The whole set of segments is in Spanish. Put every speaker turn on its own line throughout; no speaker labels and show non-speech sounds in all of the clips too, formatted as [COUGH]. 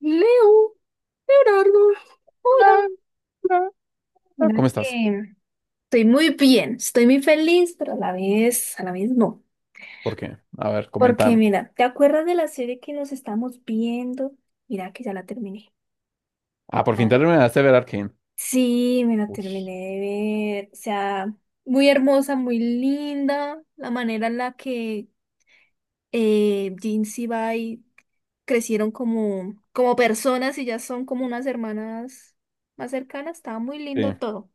Leo, Leonardo,
[LAUGHS]
hola.
Ah, ah,
Mira
¿Cómo estás?
que estoy muy bien, estoy muy feliz, pero a la vez no.
¿Por qué? A ver,
Porque
coméntame.
mira, ¿te acuerdas de la serie que nos estamos viendo? Mira que ya la terminé.
Ah, por fin
Ah,
terminaste de ver Arcane.
sí, me la terminé de ver. O sea, muy hermosa, muy linda. La manera en la que Jin Sibai crecieron como personas y ya son como unas hermanas más cercanas. Estaba muy lindo
Sí,
todo.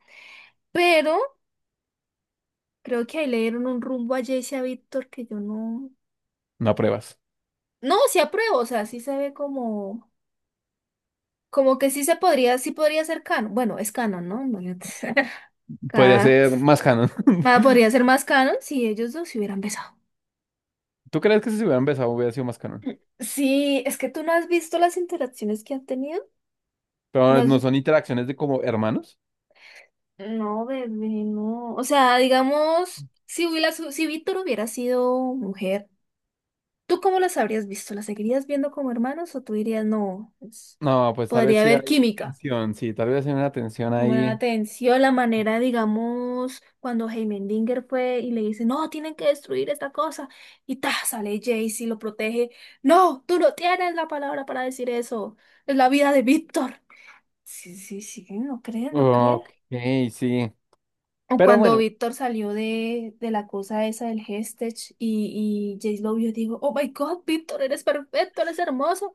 Pero creo que ahí le dieron un rumbo a Jayce y a Víctor que yo no.
no pruebas.
No, sí apruebo, o sea, sí se ve como que sí podría ser canon. Bueno, es canon, ¿no? Imagínate. [LAUGHS]
Podría
Cada-
ser más canon.
podría ser más canon si ellos dos se hubieran besado.
[LAUGHS] ¿Tú crees que si se hubiera empezado hubiera sido más canon?
Sí, es que tú no has visto las interacciones que han tenido. No
Pero no
has-
son interacciones de como hermanos.
No, bebé, no. O sea, digamos, si Víctor hubiera sido mujer, ¿tú cómo las habrías visto? ¿Las seguirías viendo como hermanos o tú dirías, no, pues,
No, pues tal vez
podría
sí
haber
hay
química?
tensión, sí, tal vez hay una tensión
Buena
ahí.
atención, la manera, digamos, cuando Heimendinger fue y le dice, no, tienen que destruir esta cosa. Y ta, sale Jace y lo protege. No, tú no tienes la palabra para decir eso. Es la vida de Víctor. Sí, sí, sí, no crees, no crees.
Ok, sí.
O
Pero
cuando
bueno,
Víctor salió de la cosa esa del Hestech y Jace lo vio, digo, oh my God, Víctor, eres perfecto, eres hermoso.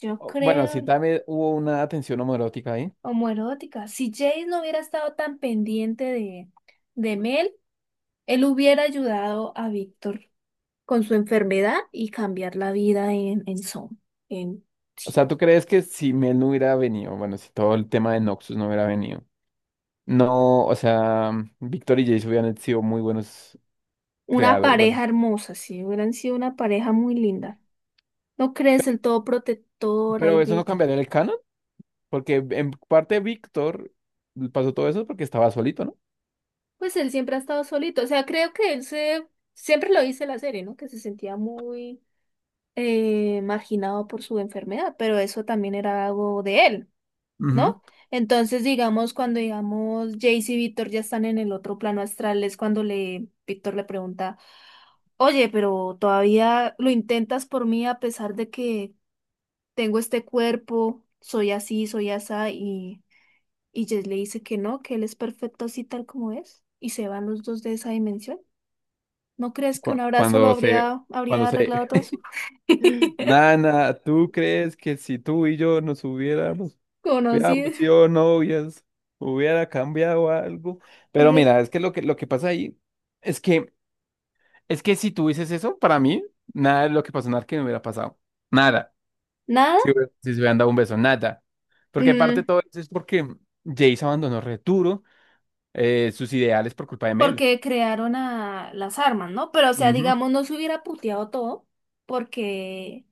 Yo
bueno,
creo,
sí también hubo una tensión homoerótica ahí.
homoerótica. Si Jace no hubiera estado tan pendiente de Mel, él hubiera ayudado a Víctor con su enfermedad y cambiar la vida en Son. En,
O
sí.
sea, ¿tú crees que si Mel no hubiera venido, bueno, si todo el tema de Noxus no hubiera venido? No, o sea, Víctor y Jace hubieran sido muy buenos
Una
creadores. Bueno,
pareja hermosa, sí, hubieran sido una pareja muy linda. ¿No crees el todo protector,
pero eso no
David?
cambiaría el canon, porque en parte Víctor pasó todo eso porque estaba solito, ¿no?
Pues él siempre ha estado solito. O sea, creo que él se... Siempre lo dice la serie, ¿no? Que se sentía muy marginado por su enfermedad, pero eso también era algo de él.
Ujú.
¿No? Entonces, digamos, cuando digamos Jace y Víctor ya están en el otro plano astral, es cuando le Víctor le pregunta, oye, pero todavía lo intentas por mí a pesar de que tengo este cuerpo, soy así, soy asá, y Jace le dice que no, que él es perfecto así tal como es, y se van los dos de esa dimensión. ¿No crees que un
Cu-
abrazo lo
Cuando se,
habría,
cuando
habría
se,
arreglado todo eso?
[LAUGHS]
[LAUGHS]
Nana, ¿tú crees que si tú y yo nos hubiéramos, hubiéramos
Conocido,
sido novias, hubiera cambiado algo? Pero
hubiera.
mira, es que lo que pasa ahí es que, es que si tú dices eso, para mí, nada de lo que pasó en Arcane hubiera pasado. Nada. Sí,
Nada.
güey. Sí se hubieran dado un beso, nada. Porque aparte de
Mm,
todo eso es porque Jace abandonó Returo, sus ideales por culpa de Mel.
Porque crearon a las armas, ¿no? Pero, o sea,
Ujú.
digamos, no se hubiera puteado todo, porque,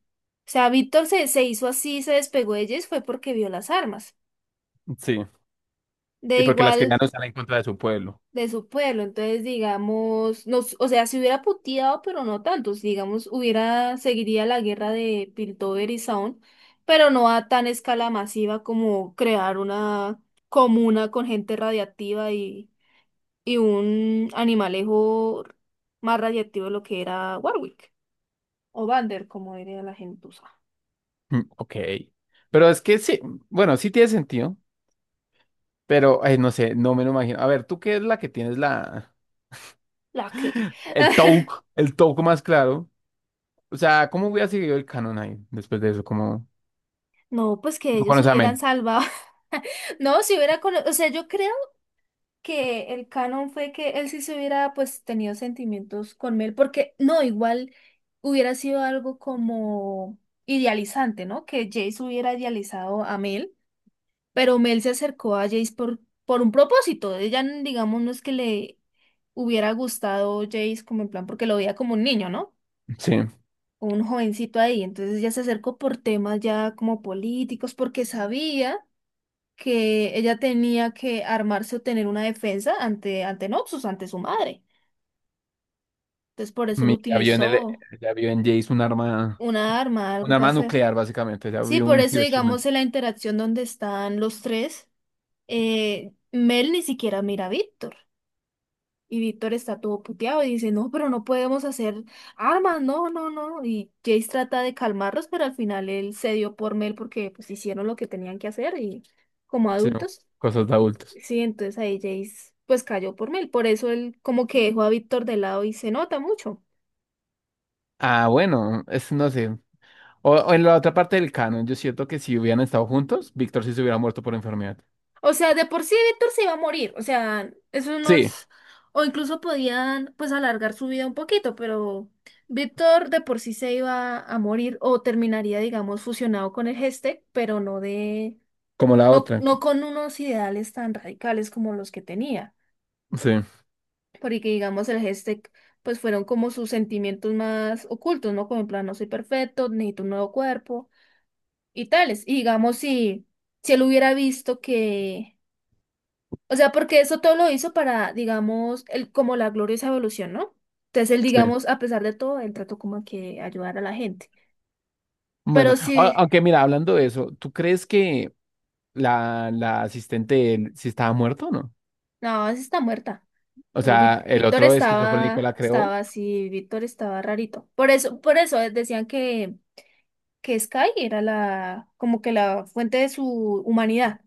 o sea, Víctor se hizo así, se despegó de ellas, fue porque vio las armas,
Sí.
de
Y porque las
igual
querían usar en contra de su pueblo.
de su pueblo. Entonces, digamos, no, o sea, se hubiera puteado, pero no tanto. Si, digamos, hubiera, seguiría la guerra de Piltover y Zaun, pero no a tan escala masiva como crear una comuna con gente radiactiva y un animalejo más radiactivo de lo que era Warwick. O Vander, como diría la gentuza.
Mm, ok. Pero es que sí, bueno, sí tiene sentido, pero ay, no sé, no me lo imagino. A ver, ¿tú qué es la que tienes la...?
¿La qué? [LAUGHS]
El Touk más claro. O sea, ¿cómo hubiera seguido el canon ahí después de eso? Como
No, pues que
no
ellos
conoce a
hubieran
Mel.
salvado. [LAUGHS] No, si o sea, yo creo que el canon fue que él sí se hubiera pues tenido sentimientos con Mel, porque no, igual hubiera sido algo como idealizante, ¿no? Que Jace hubiera idealizado a Mel. Pero Mel se acercó a Jace por un propósito. Ella, digamos, no es que le hubiera gustado Jace como en plan, porque lo veía como un niño, ¿no?
Sí.
Como un jovencito ahí. Entonces ella se acercó por temas ya como políticos, porque sabía que ella tenía que armarse o tener una defensa ante Noxus, ante su madre. Entonces por eso lo
Mi- Ya vio en el,
utilizó
ya vio en Jace un arma.
una arma,
Un
algo para
arma
hacer.
nuclear, básicamente. Ya
Sí,
vi
por
un
eso,
Hiroshima.
digamos, en la interacción donde están los tres, Mel ni siquiera mira a Víctor. Y Víctor está todo puteado y dice, no, pero no podemos hacer armas, no, no, no. Y Jace trata de calmarlos, pero al final él cedió por Mel porque pues hicieron lo que tenían que hacer y como
Sí,
adultos.
cosas de
Y,
adultos.
sí, entonces ahí Jace pues cayó por Mel. Por eso él como que dejó a Víctor de lado y se nota mucho.
Ah, bueno, es, no sé. O en la otra parte del canon, yo siento que si hubieran estado juntos, Víctor sí se hubiera muerto por enfermedad.
O sea, de por sí Víctor se iba a morir. O sea, eso
Sí,
nos... O incluso podían, pues, alargar su vida un poquito, pero Víctor de por sí se iba a morir o terminaría, digamos, fusionado con el Gestec, pero no de...
como la
No,
otra.
no con unos ideales tan radicales como los que tenía.
Sí,
Porque, digamos, el Gestec, pues, fueron como sus sentimientos más ocultos, ¿no? Como en plan, no soy perfecto, necesito un nuevo cuerpo y tales. Y, digamos, si él hubiera visto que... O sea, porque eso todo lo hizo para, digamos, el, como la gloriosa evolución, ¿no? Entonces él,
sí.
digamos, a pesar de todo, él trató como que ayudar a la gente.
Bueno,
Pero sí,
aunque mira, hablando de eso, ¿tú crees que la asistente de él sí estaba muerto o no?
no, esa está muerta.
O sea, el
Víctor
otro esquizofrénico la
estaba,
creó.
estaba así, Víctor estaba rarito. Por eso decían que Sky era la, como que la fuente de su humanidad.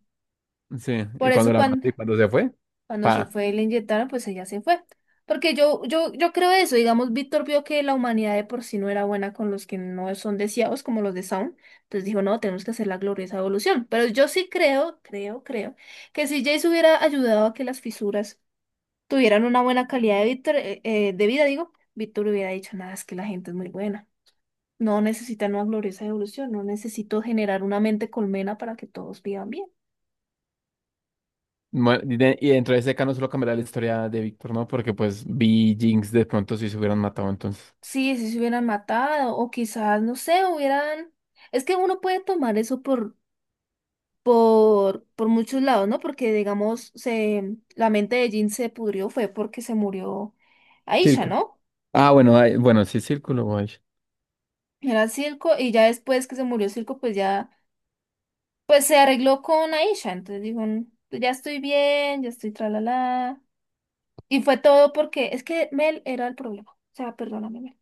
Sí,
Por
y
eso
cuando la
cuando,
mató y cuando se fue,
Cuando se
pa.
fue y le inyectaron, pues ella se fue. Porque yo creo eso, digamos, Víctor vio que la humanidad de por sí no era buena con los que no son deseados, como los de Sound, entonces dijo, no, tenemos que hacer la gloriosa evolución. Pero yo sí creo, que si Jace hubiera ayudado a que las fisuras tuvieran una buena calidad de Víctor, de vida, digo, Víctor hubiera dicho, nada, es que la gente es muy buena. No necesitan una gloriosa evolución, no necesito generar una mente colmena para que todos vivan bien.
Bueno, y dentro de ese caso no solo cambiará la historia de Víctor, ¿no? Porque pues Vi y Jinx de pronto si se hubieran matado entonces.
Sí, si se hubieran matado o quizás, no sé, hubieran... Es que uno puede tomar eso por muchos lados, ¿no? Porque, digamos, la mente de Jin se pudrió fue porque se murió Aisha,
Tilco.
¿no?
Ah, bueno, ay, bueno, sí, Círculo, guay.
Era Silco y ya después que se murió Silco, pues ya, pues se arregló con Aisha. Entonces dijo, "Mm, pues ya estoy bien, ya estoy tralala". Y fue todo porque es que Mel era el problema. O sea, perdóname, Mel.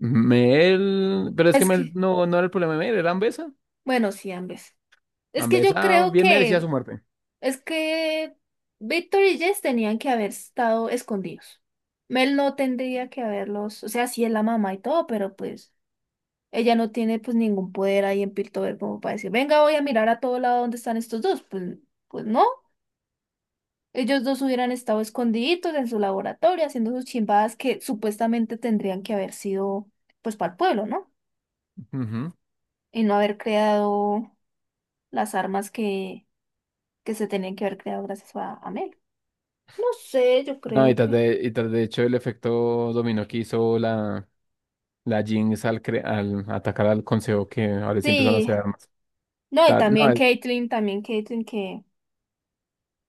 Mel, pero es que
Es
Mel
que,
no, no era el problema de Mel, era Ambesa.
bueno, sí, ambas. Es que yo
Ambesa
creo
bien merecía
que...
su muerte.
Es que Víctor y Jess tenían que haber estado escondidos. Mel no tendría que haberlos, o sea, sí es la mamá y todo, pero pues ella no tiene pues ningún poder ahí en Piltover como para decir, venga, voy a mirar a todo lado donde están estos dos. Pues no, ellos dos hubieran estado escondiditos en su laboratorio haciendo sus chimbadas que supuestamente tendrían que haber sido pues para el pueblo, ¿no?
Ujú.
Y no haber creado las armas que se tenían que haber creado gracias a Mel. No sé, yo
No, y
creo que...
tras de hecho el efecto dominó que hizo la Jinx al, al atacar al consejo, que ahora sí empezaron a
Sí,
hacer armas.
no, y
Ta- no,
También Caitlyn que,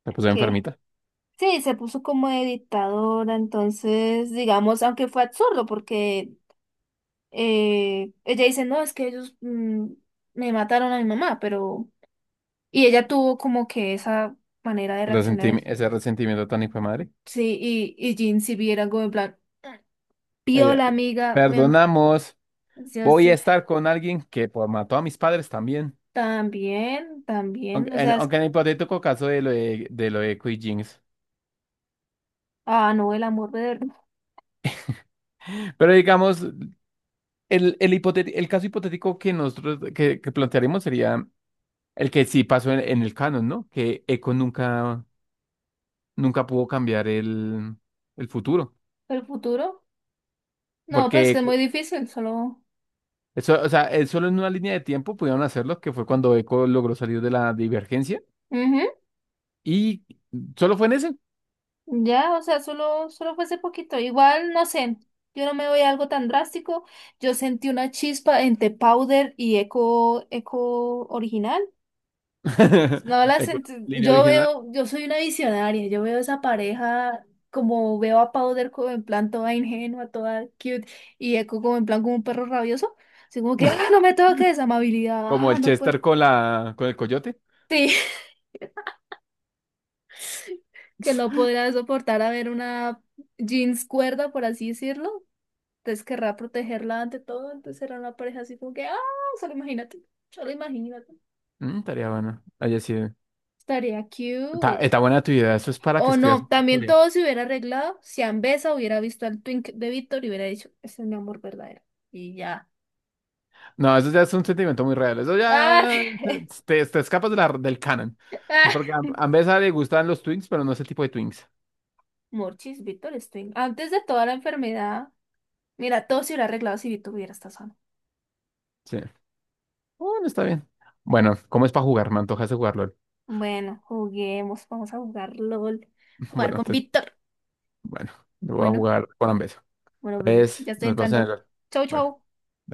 la puso
que
enfermita.
sí, se puso como de dictadora, entonces, digamos, aunque fue absurdo, porque ella dice, no, es que ellos me mataron a mi mamá, pero... Y ella tuvo como que esa manera de reaccionar,
Ese resentimiento tan hijo de madre.
sí, y Jin si viera algo en plan, pío
Ella,
la amiga, me... ma-.
perdonamos.
Yo
Voy a
sí,
estar con alguien que pues, mató a mis padres también.
también, también, o sea,
Aunque en el hipotético caso de de lo de Quick Jinx.
ah, no, el amor
Pero digamos, el caso hipotético que que plantearemos sería el que sí pasó en el canon, ¿no? Que Echo nunca, nunca pudo cambiar el futuro.
del futuro, no, pues que
Porque
es muy difícil, solo...
eso, o sea, él solo en una línea de tiempo pudieron hacerlo, que fue cuando Echo logró salir de la divergencia.
Ujú.
Y solo fue en ese.
Ya, o sea, solo fue ese poquito. Igual, no sé, yo no me voy a algo tan drástico. Yo sentí una chispa entre powder y eco original.
[LAUGHS]
No la
Echo,
sentí.
línea
Yo
original.
veo, yo soy una visionaria. Yo veo esa pareja como veo a powder como en plan toda ingenua, toda cute, y eco como en plan como un perro rabioso. Así como que, ah, no me toques, amabilidad.
Como
Ah,
el
no pues.
Chester con la con el coyote.
Sí, [LAUGHS] que no podría soportar a ver una jeans cuerda, por así decirlo. Entonces querrá protegerla ante todo, entonces era una pareja así como que, ah, solo imagínate, solo imagínate.
Mm, estaría bueno. Oye, sí.
Estaría cute.
Está buena tu idea. Eso es para que
O
escribas
no,
una
también
historia.
todo se hubiera arreglado si Ambesa hubiera visto al Twink de Víctor y hubiera dicho, ese es mi amor verdadero. Y ya.
No, eso ya es un sentimiento muy real. Eso
¡Ah!
ya
[LAUGHS]
te escapas de del canon.
¡Ah!
Porque a Mbesa le gustan los Twinks, pero no ese tipo de Twinks.
Morchis, Víctor es Twink. Antes de toda la enfermedad, mira, todo se hubiera arreglado si Víctor hubiera estado sano.
Sí. Bueno, está bien. Bueno, ¿cómo es para jugar? Me antojas de jugarlo. [LAUGHS]
Bueno, juguemos, vamos a jugar LOL, jugar
Bueno,
con
entonces,
Víctor.
bueno, lo voy a
Bueno,
jugar con Ambesa.
bueno, bebé,
Entonces,
ya estoy
nos vamos
entrando.
a...
Chau,
Bueno.
chau.